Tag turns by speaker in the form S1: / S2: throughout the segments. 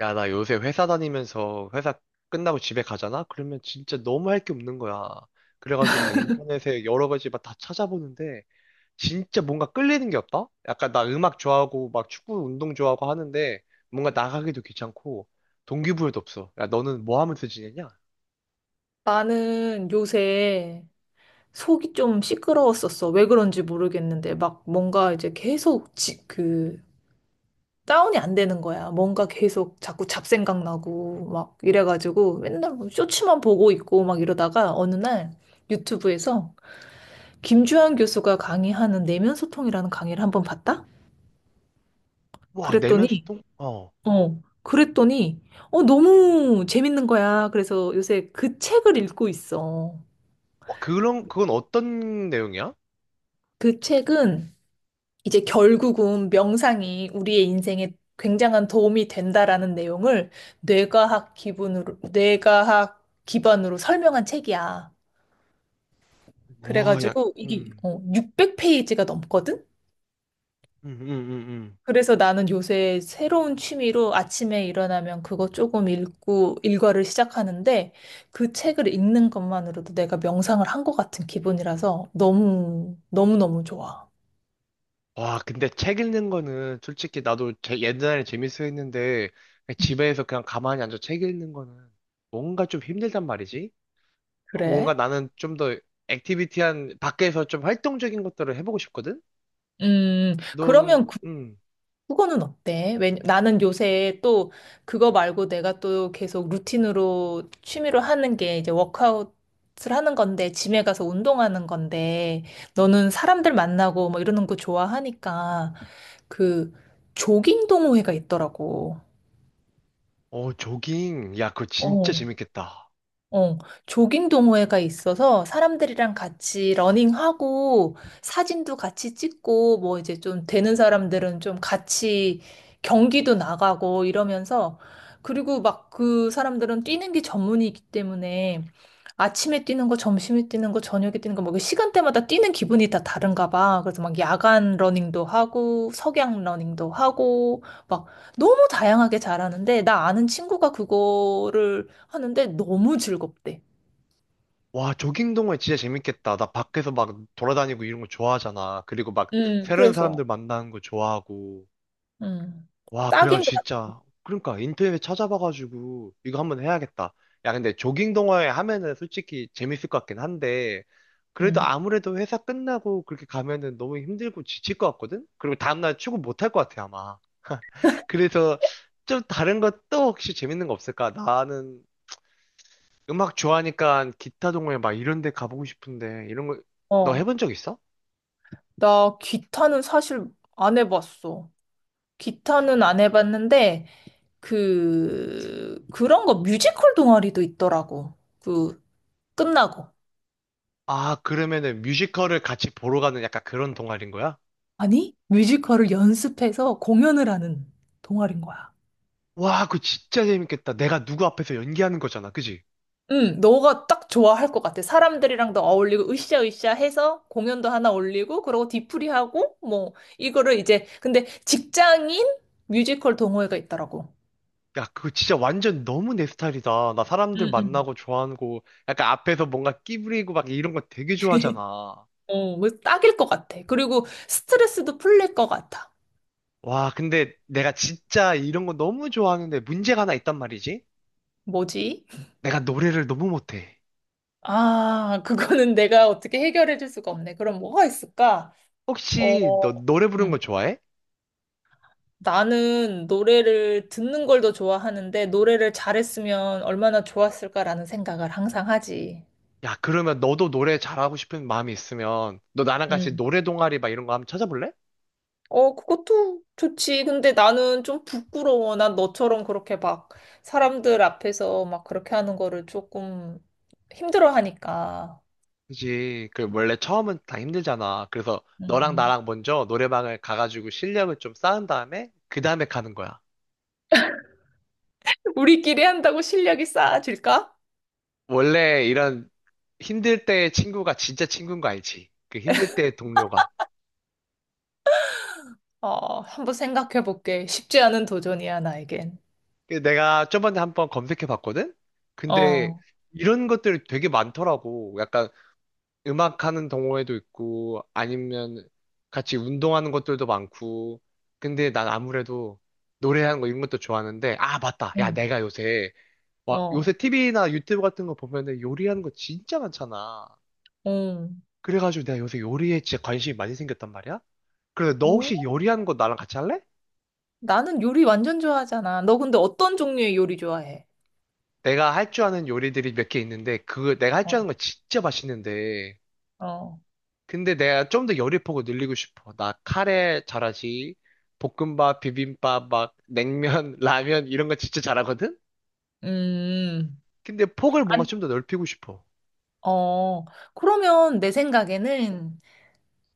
S1: 야, 나 요새 회사 다니면서 회사 끝나고 집에 가잖아? 그러면 진짜 너무 할 게 없는 거야. 그래가지고 막 인터넷에 여러 가지 막 다 찾아보는데 진짜 뭔가 끌리는 게 없다? 약간 나 음악 좋아하고 막 축구 운동 좋아하고 하는데 뭔가 나가기도 귀찮고 동기부여도 없어. 야, 너는 뭐 하면서 지내냐?
S2: 나는 요새 속이 좀 시끄러웠었어. 왜 그런지 모르겠는데, 막 뭔가 이제 계속 다운이 안 되는 거야. 뭔가 계속 자꾸 잡생각 나고, 막 이래가지고 맨날 뭐 쇼츠만 보고 있고 막 이러다가 어느 날 유튜브에서 김주환 교수가 강의하는 내면 소통이라는 강의를 한번 봤다?
S1: 와, 내면
S2: 그랬더니,
S1: 소통? 어.
S2: 그랬더니, 너무 재밌는 거야. 그래서 요새 그 책을 읽고 있어.
S1: 와, 그건 어떤 내용이야?
S2: 그 책은 이제 결국은 명상이 우리의 인생에 굉장한 도움이 된다라는 내용을 뇌과학 기반으로 설명한 책이야.
S1: 와, 야,
S2: 그래가지고 이게
S1: 음,
S2: 600페이지가 넘거든?
S1: 음, 음, 음, 음.
S2: 그래서 나는 요새 새로운 취미로 아침에 일어나면 그거 조금 읽고 일과를 시작하는데 그 책을 읽는 것만으로도 내가 명상을 한 것 같은 기분이라서 너무너무 좋아.
S1: 와, 근데 책 읽는 거는 솔직히 나도 옛날에 재밌어 했는데 그냥 집에서 그냥 가만히 앉아 책 읽는 거는 뭔가 좀 힘들단 말이지? 어, 뭔가
S2: 그래?
S1: 나는 좀 더 액티비티한 밖에서 좀 활동적인 것들을 해보고 싶거든? 너는
S2: 그러면 그거는 어때? 왜 나는 요새 또 그거 말고 내가 또 계속 루틴으로 취미로 하는 게 이제 워크아웃을 하는 건데, 짐에 가서 운동하는 건데 너는 사람들 만나고 뭐 이러는 거 좋아하니까 그 조깅 동호회가 있더라고.
S1: 어, 조깅. 야, 그거 진짜
S2: 어.
S1: 재밌겠다.
S2: 어, 조깅 동호회가 있어서 사람들이랑 같이 러닝하고 사진도 같이 찍고 뭐 이제 좀 되는 사람들은 좀 같이 경기도 나가고 이러면서 그리고 막 그 사람들은 뛰는 게 전문이기 때문에 아침에 뛰는 거, 점심에 뛰는 거, 저녁에 뛰는 거, 뭐 그 시간대마다 뛰는 기분이 다 다른가 봐. 그래서 막 야간 러닝도 하고 석양 러닝도 하고 막 너무 다양하게 잘하는데 나 아는 친구가 그거를 하는데 너무 즐겁대.
S1: 와, 조깅 동호회 진짜 재밌겠다. 나 밖에서 막 돌아다니고 이런 거 좋아하잖아. 그리고 막 새로운 사람들
S2: 그래서
S1: 만나는 거 좋아하고.
S2: 음,
S1: 와,
S2: 딱인 것
S1: 그래가지고
S2: 같아.
S1: 진짜. 그러니까 인터넷에 찾아봐가지고 이거 한번 해야겠다. 야, 근데 조깅 동호회 하면은 솔직히 재밌을 것 같긴 한데, 그래도
S2: 음.
S1: 아무래도 회사 끝나고 그렇게 가면은 너무 힘들고 지칠 것 같거든? 그리고 다음날 출근 못 할 것 같아, 아마. 그래서 좀 다른 것도 혹시 재밌는 거 없을까? 나는 음악 좋아하니까 기타 동호회 막 이런 데 가보고 싶은데, 이런 거, 너
S2: 어,
S1: 해본 적 있어?
S2: 나 기타는 사실 안 해봤어. 기타는 안 해봤는데, 그런 거 뮤지컬 동아리도 있더라고. 그, 끝나고.
S1: 아, 그러면은 뮤지컬을 같이 보러 가는 약간 그런 동아리인 거야?
S2: 아니, 뮤지컬을 연습해서 공연을 하는 동아리인 거야.
S1: 와, 그거 진짜 재밌겠다. 내가 누구 앞에서 연기하는 거잖아. 그지?
S2: 응, 너가 딱 좋아할 것 같아. 사람들이랑도 어울리고, 으쌰으쌰 해서 공연도 하나 올리고, 그러고 뒤풀이하고, 뭐, 이거를 이제, 근데 직장인 뮤지컬 동호회가 있더라고.
S1: 야, 그거 진짜 완전 너무 내 스타일이다. 나 사람들
S2: 응, 응.
S1: 만나고 좋아하는 거, 약간 앞에서 뭔가 끼부리고 막 이런 거 되게 좋아하잖아.
S2: 어, 뭐 딱일 것 같아. 그리고 스트레스도 풀릴 것 같아.
S1: 와, 근데 내가 진짜 이런 거 너무 좋아하는데 문제가 하나 있단 말이지?
S2: 뭐지?
S1: 내가 노래를 너무 못해.
S2: 아, 그거는 내가 어떻게 해결해 줄 수가 없네. 그럼 뭐가 있을까? 어,
S1: 혹시 너 노래 부르는 거 좋아해?
S2: 나는 노래를 듣는 걸 더 좋아하는데 노래를 잘했으면 얼마나 좋았을까라는 생각을 항상 하지.
S1: 야, 그러면 너도 노래 잘하고 싶은 마음이 있으면 너 나랑 같이
S2: 음.
S1: 노래 동아리 막 이런 거 한번 찾아볼래?
S2: 어, 그것도 좋지. 근데 나는 좀 부끄러워. 난 너처럼 그렇게 막 사람들 앞에서 막 그렇게 하는 거를 조금 힘들어 하니까.
S1: 그지. 그 원래 처음은 다 힘들잖아. 그래서 너랑
S2: 음.
S1: 나랑 먼저 노래방을 가가지고 실력을 좀 쌓은 다음에 그 다음에 가는 거야.
S2: 우리끼리 한다고 실력이 쌓아질까?
S1: 원래 이런 힘들 때의 친구가 진짜 친구인 거 알지? 그 힘들 때의 동료가.
S2: 어, 한번 생각해 볼게. 쉽지 않은 도전이야, 나에겐.
S1: 근데 내가 저번에 한번 검색해 봤거든? 근데
S2: 어,
S1: 이런 것들이 되게 많더라고. 약간 음악하는 동호회도 있고 아니면 같이 운동하는 것들도 많고. 근데 난 아무래도 노래하는 거 이런 것도 좋아하는데 아 맞다. 야
S2: 응,
S1: 내가 요새 와, 요새
S2: 어,
S1: TV나 유튜브 같은 거 보면은 요리하는 거 진짜 많잖아.
S2: 응.
S1: 그래가지고 내가 요새 요리에 진짜 관심이 많이 생겼단 말이야? 그래서 너 혹시 요리하는 거 나랑 같이 할래?
S2: 나는 요리 완전 좋아하잖아. 너 근데 어떤 종류의 요리 좋아해?
S1: 내가 할 줄 아는 요리들이 몇 개 있는데, 그거 내가 할 줄 아는
S2: 어,
S1: 거 진짜 맛있는데.
S2: 어,
S1: 근데 내가 좀 더 요리 폭을 늘리고 싶어. 나 카레 잘하지. 볶음밥, 비빔밥, 막 냉면, 라면 이런 거 진짜 잘하거든?
S2: 음,
S1: 근데 폭을 뭔가
S2: 안,
S1: 좀 더 넓히고 싶어.
S2: 어. 그러면 내 생각에는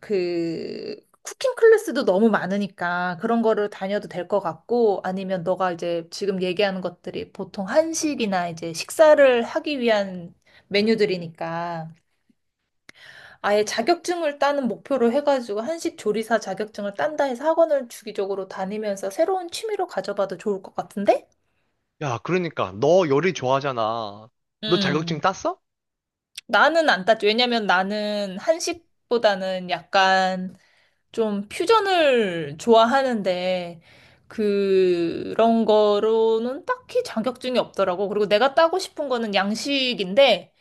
S2: 그 쿠킹 클래스도 너무 많으니까 그런 거를 다녀도 될 것 같고 아니면 너가 이제 지금 얘기하는 것들이 보통 한식이나 이제 식사를 하기 위한 메뉴들이니까 아예 자격증을 따는 목표로 해가지고 한식 조리사 자격증을 딴다 해서 학원을 주기적으로 다니면서 새로운 취미로 가져봐도 좋을 것 같은데?
S1: 야, 그러니까 너 요리 좋아하잖아. 너
S2: 음,
S1: 자격증 땄어?
S2: 나는 안 따지. 왜냐면 나는 한식보다는 약간 좀 퓨전을 좋아하는데, 그런 거로는 딱히 자격증이 없더라고. 그리고 내가 따고 싶은 거는 양식인데,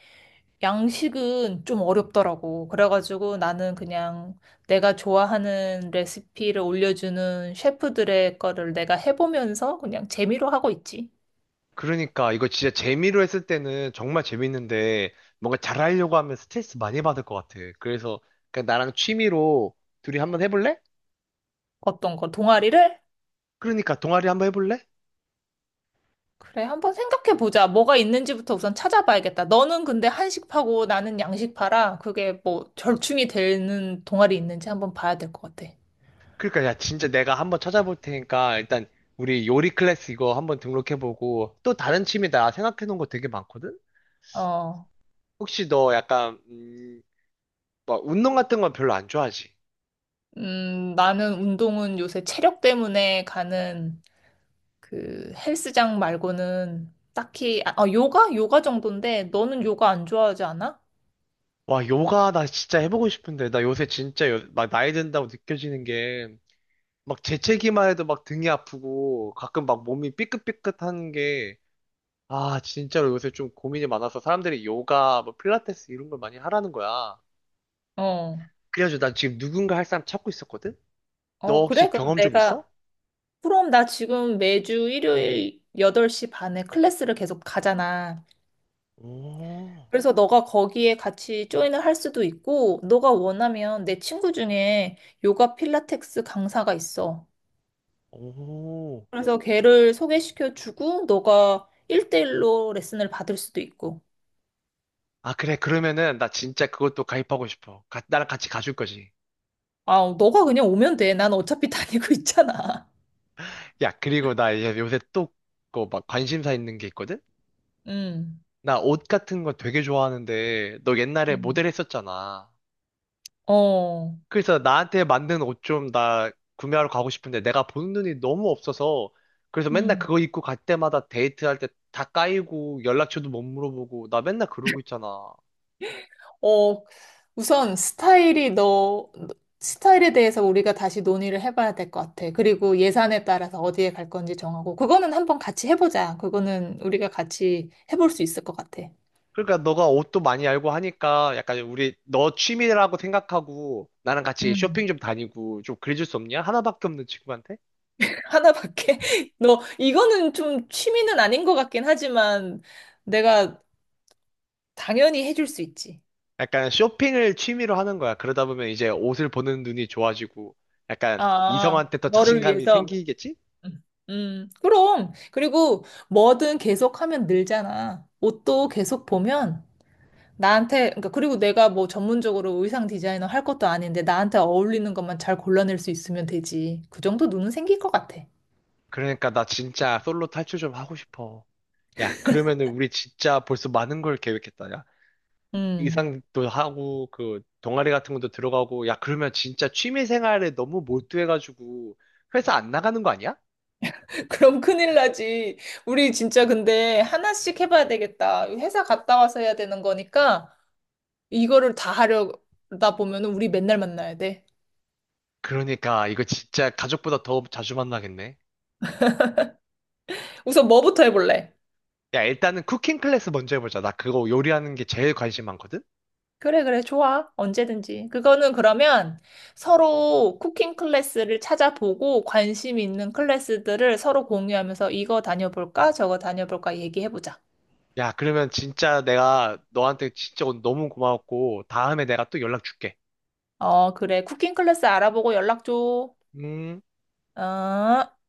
S2: 양식은 좀 어렵더라고. 그래가지고 나는 그냥 내가 좋아하는 레시피를 올려주는 셰프들의 거를 내가 해보면서 그냥 재미로 하고 있지.
S1: 그러니까 이거 진짜 재미로 했을 때는 정말 재밌는데 뭔가 잘하려고 하면 스트레스 많이 받을 것 같아. 그래서 그냥 나랑 취미로 둘이 한번 해볼래?
S2: 어떤 거, 동아리를?
S1: 그러니까 동아리 한번 해볼래?
S2: 그래, 한번 생각해 보자. 뭐가 있는지부터 우선 찾아봐야겠다. 너는 근데 한식파고 나는 양식파라 그게 뭐 절충이 되는 동아리 있는지 한번 봐야 될 것 같아.
S1: 그러니까 야 진짜 내가 한번 찾아볼 테니까 일단 우리 요리 클래스 이거 한번 등록해보고 또 다른 취미 나 생각해놓은 거 되게 많거든?
S2: 어,
S1: 혹시 너 약간 막 운동 같은 건 별로 안 좋아하지?
S2: 나는 운동은 요새 체력 때문에 가는 그 헬스장 말고는 딱히, 아, 어, 요가? 요가 정도인데 너는 요가 안 좋아하지 않아?
S1: 와 요가 나 진짜 해보고 싶은데 나 요새 진짜 막 나이 든다고 느껴지는 게 막 재채기만 해도 막 등이 아프고 가끔 막 몸이 삐끗삐끗한 게, 아, 진짜로 요새 좀 고민이 많아서 사람들이 요가, 뭐 필라테스 이런 걸 많이 하라는 거야.
S2: 어,
S1: 그래가지고 난 지금 누군가 할 사람 찾고 있었거든? 너
S2: 어, 그래?
S1: 혹시 경험 좀 있어?
S2: 그럼 나 지금 매주 일요일 8시 반에 클래스를 계속 가잖아.
S1: 오,
S2: 그래서 너가 거기에 같이 조인을 할 수도 있고, 너가 원하면 내 친구 중에 요가 필라테스 강사가 있어.
S1: 오.
S2: 그래서 걔를 소개시켜 주고, 너가 일대일로 레슨을 받을 수도 있고.
S1: 아, 그래. 그러면은 나 진짜 그것도 가입하고 싶어. 가- 나랑 같이 가줄 거지.
S2: 아, 너가 그냥 오면 돼. 난 어차피 다니고 있잖아.
S1: 야, 그리고 나 이제 요새 또 그거 막 관심사 있는 게 있거든?
S2: 음,
S1: 나 옷 같은 거 되게 좋아하는데 너 옛날에 모델
S2: 음,
S1: 했었잖아.
S2: 어,
S1: 그래서 나한테 맞는 옷 좀 나 구매하러 가고 싶은데 내가 보는 눈이 너무 없어서 그래서 맨날
S2: 음.
S1: 그거 입고 갈 때마다 데이트할 때 다 까이고 연락처도 못 물어보고 나 맨날 그러고 있잖아.
S2: 어, 우선 스타일에 대해서 우리가 다시 논의를 해봐야 될 것 같아. 그리고 예산에 따라서 어디에 갈 건지 정하고, 그거는 한번 같이 해보자. 그거는 우리가 같이 해볼 수 있을 것 같아.
S1: 그러니까 너가 옷도 많이 알고 하니까 약간 우리 너 취미라고 생각하고 나랑 같이 쇼핑
S2: 음.
S1: 좀 다니고 좀 그래줄 수 없냐? 하나밖에 없는 친구한테?
S2: 하나밖에? 너, 이거는 좀 취미는 아닌 것 같긴 하지만, 내가 당연히 해줄 수 있지.
S1: 약간 쇼핑을 취미로 하는 거야. 그러다 보면 이제 옷을 보는 눈이 좋아지고 약간
S2: 아,
S1: 이성한테 더
S2: 너를
S1: 자신감이
S2: 위해서.
S1: 생기겠지?
S2: 음, 그럼. 그리고 뭐든 계속하면 늘잖아. 옷도 계속 보면, 나한테, 그러니까 그리고 내가 뭐 전문적으로 의상 디자이너 할 것도 아닌데 나한테 어울리는 것만 잘 골라낼 수 있으면 되지. 그 정도 눈은 생길 것 같아.
S1: 그러니까 나 진짜 솔로 탈출 좀 하고 싶어. 야, 그러면은 우리 진짜 벌써 많은 걸 계획했다. 야,
S2: 음.
S1: 의상도 하고, 그, 동아리 같은 것도 들어가고, 야, 그러면 진짜 취미 생활에 너무 몰두해가지고, 회사 안 나가는 거 아니야?
S2: 그럼 큰일 나지. 우리 진짜 근데 하나씩 해봐야 되겠다. 회사 갔다 와서 해야 되는 거니까 이거를 다 하려다 보면은 우리 맨날 만나야 돼.
S1: 그러니까, 이거 진짜 가족보다 더 자주 만나겠네.
S2: 우선 뭐부터 해볼래?
S1: 야, 일단은 쿠킹 클래스 먼저 해보자. 나 그거 요리하는 게 제일 관심 많거든?
S2: 그래, 그래, 좋아. 언제든지. 그거는 그러면 서로 쿠킹 클래스를 찾아보고 관심 있는 클래스들을 서로 공유하면서 이거 다녀볼까? 저거 다녀볼까? 얘기해보자.
S1: 야, 그러면 진짜 내가 너한테 진짜 오늘 너무 고마웠고, 다음에 내가 또 연락 줄게.
S2: 어, 그래. 쿠킹 클래스 알아보고 연락 줘.
S1: 음.
S2: 어.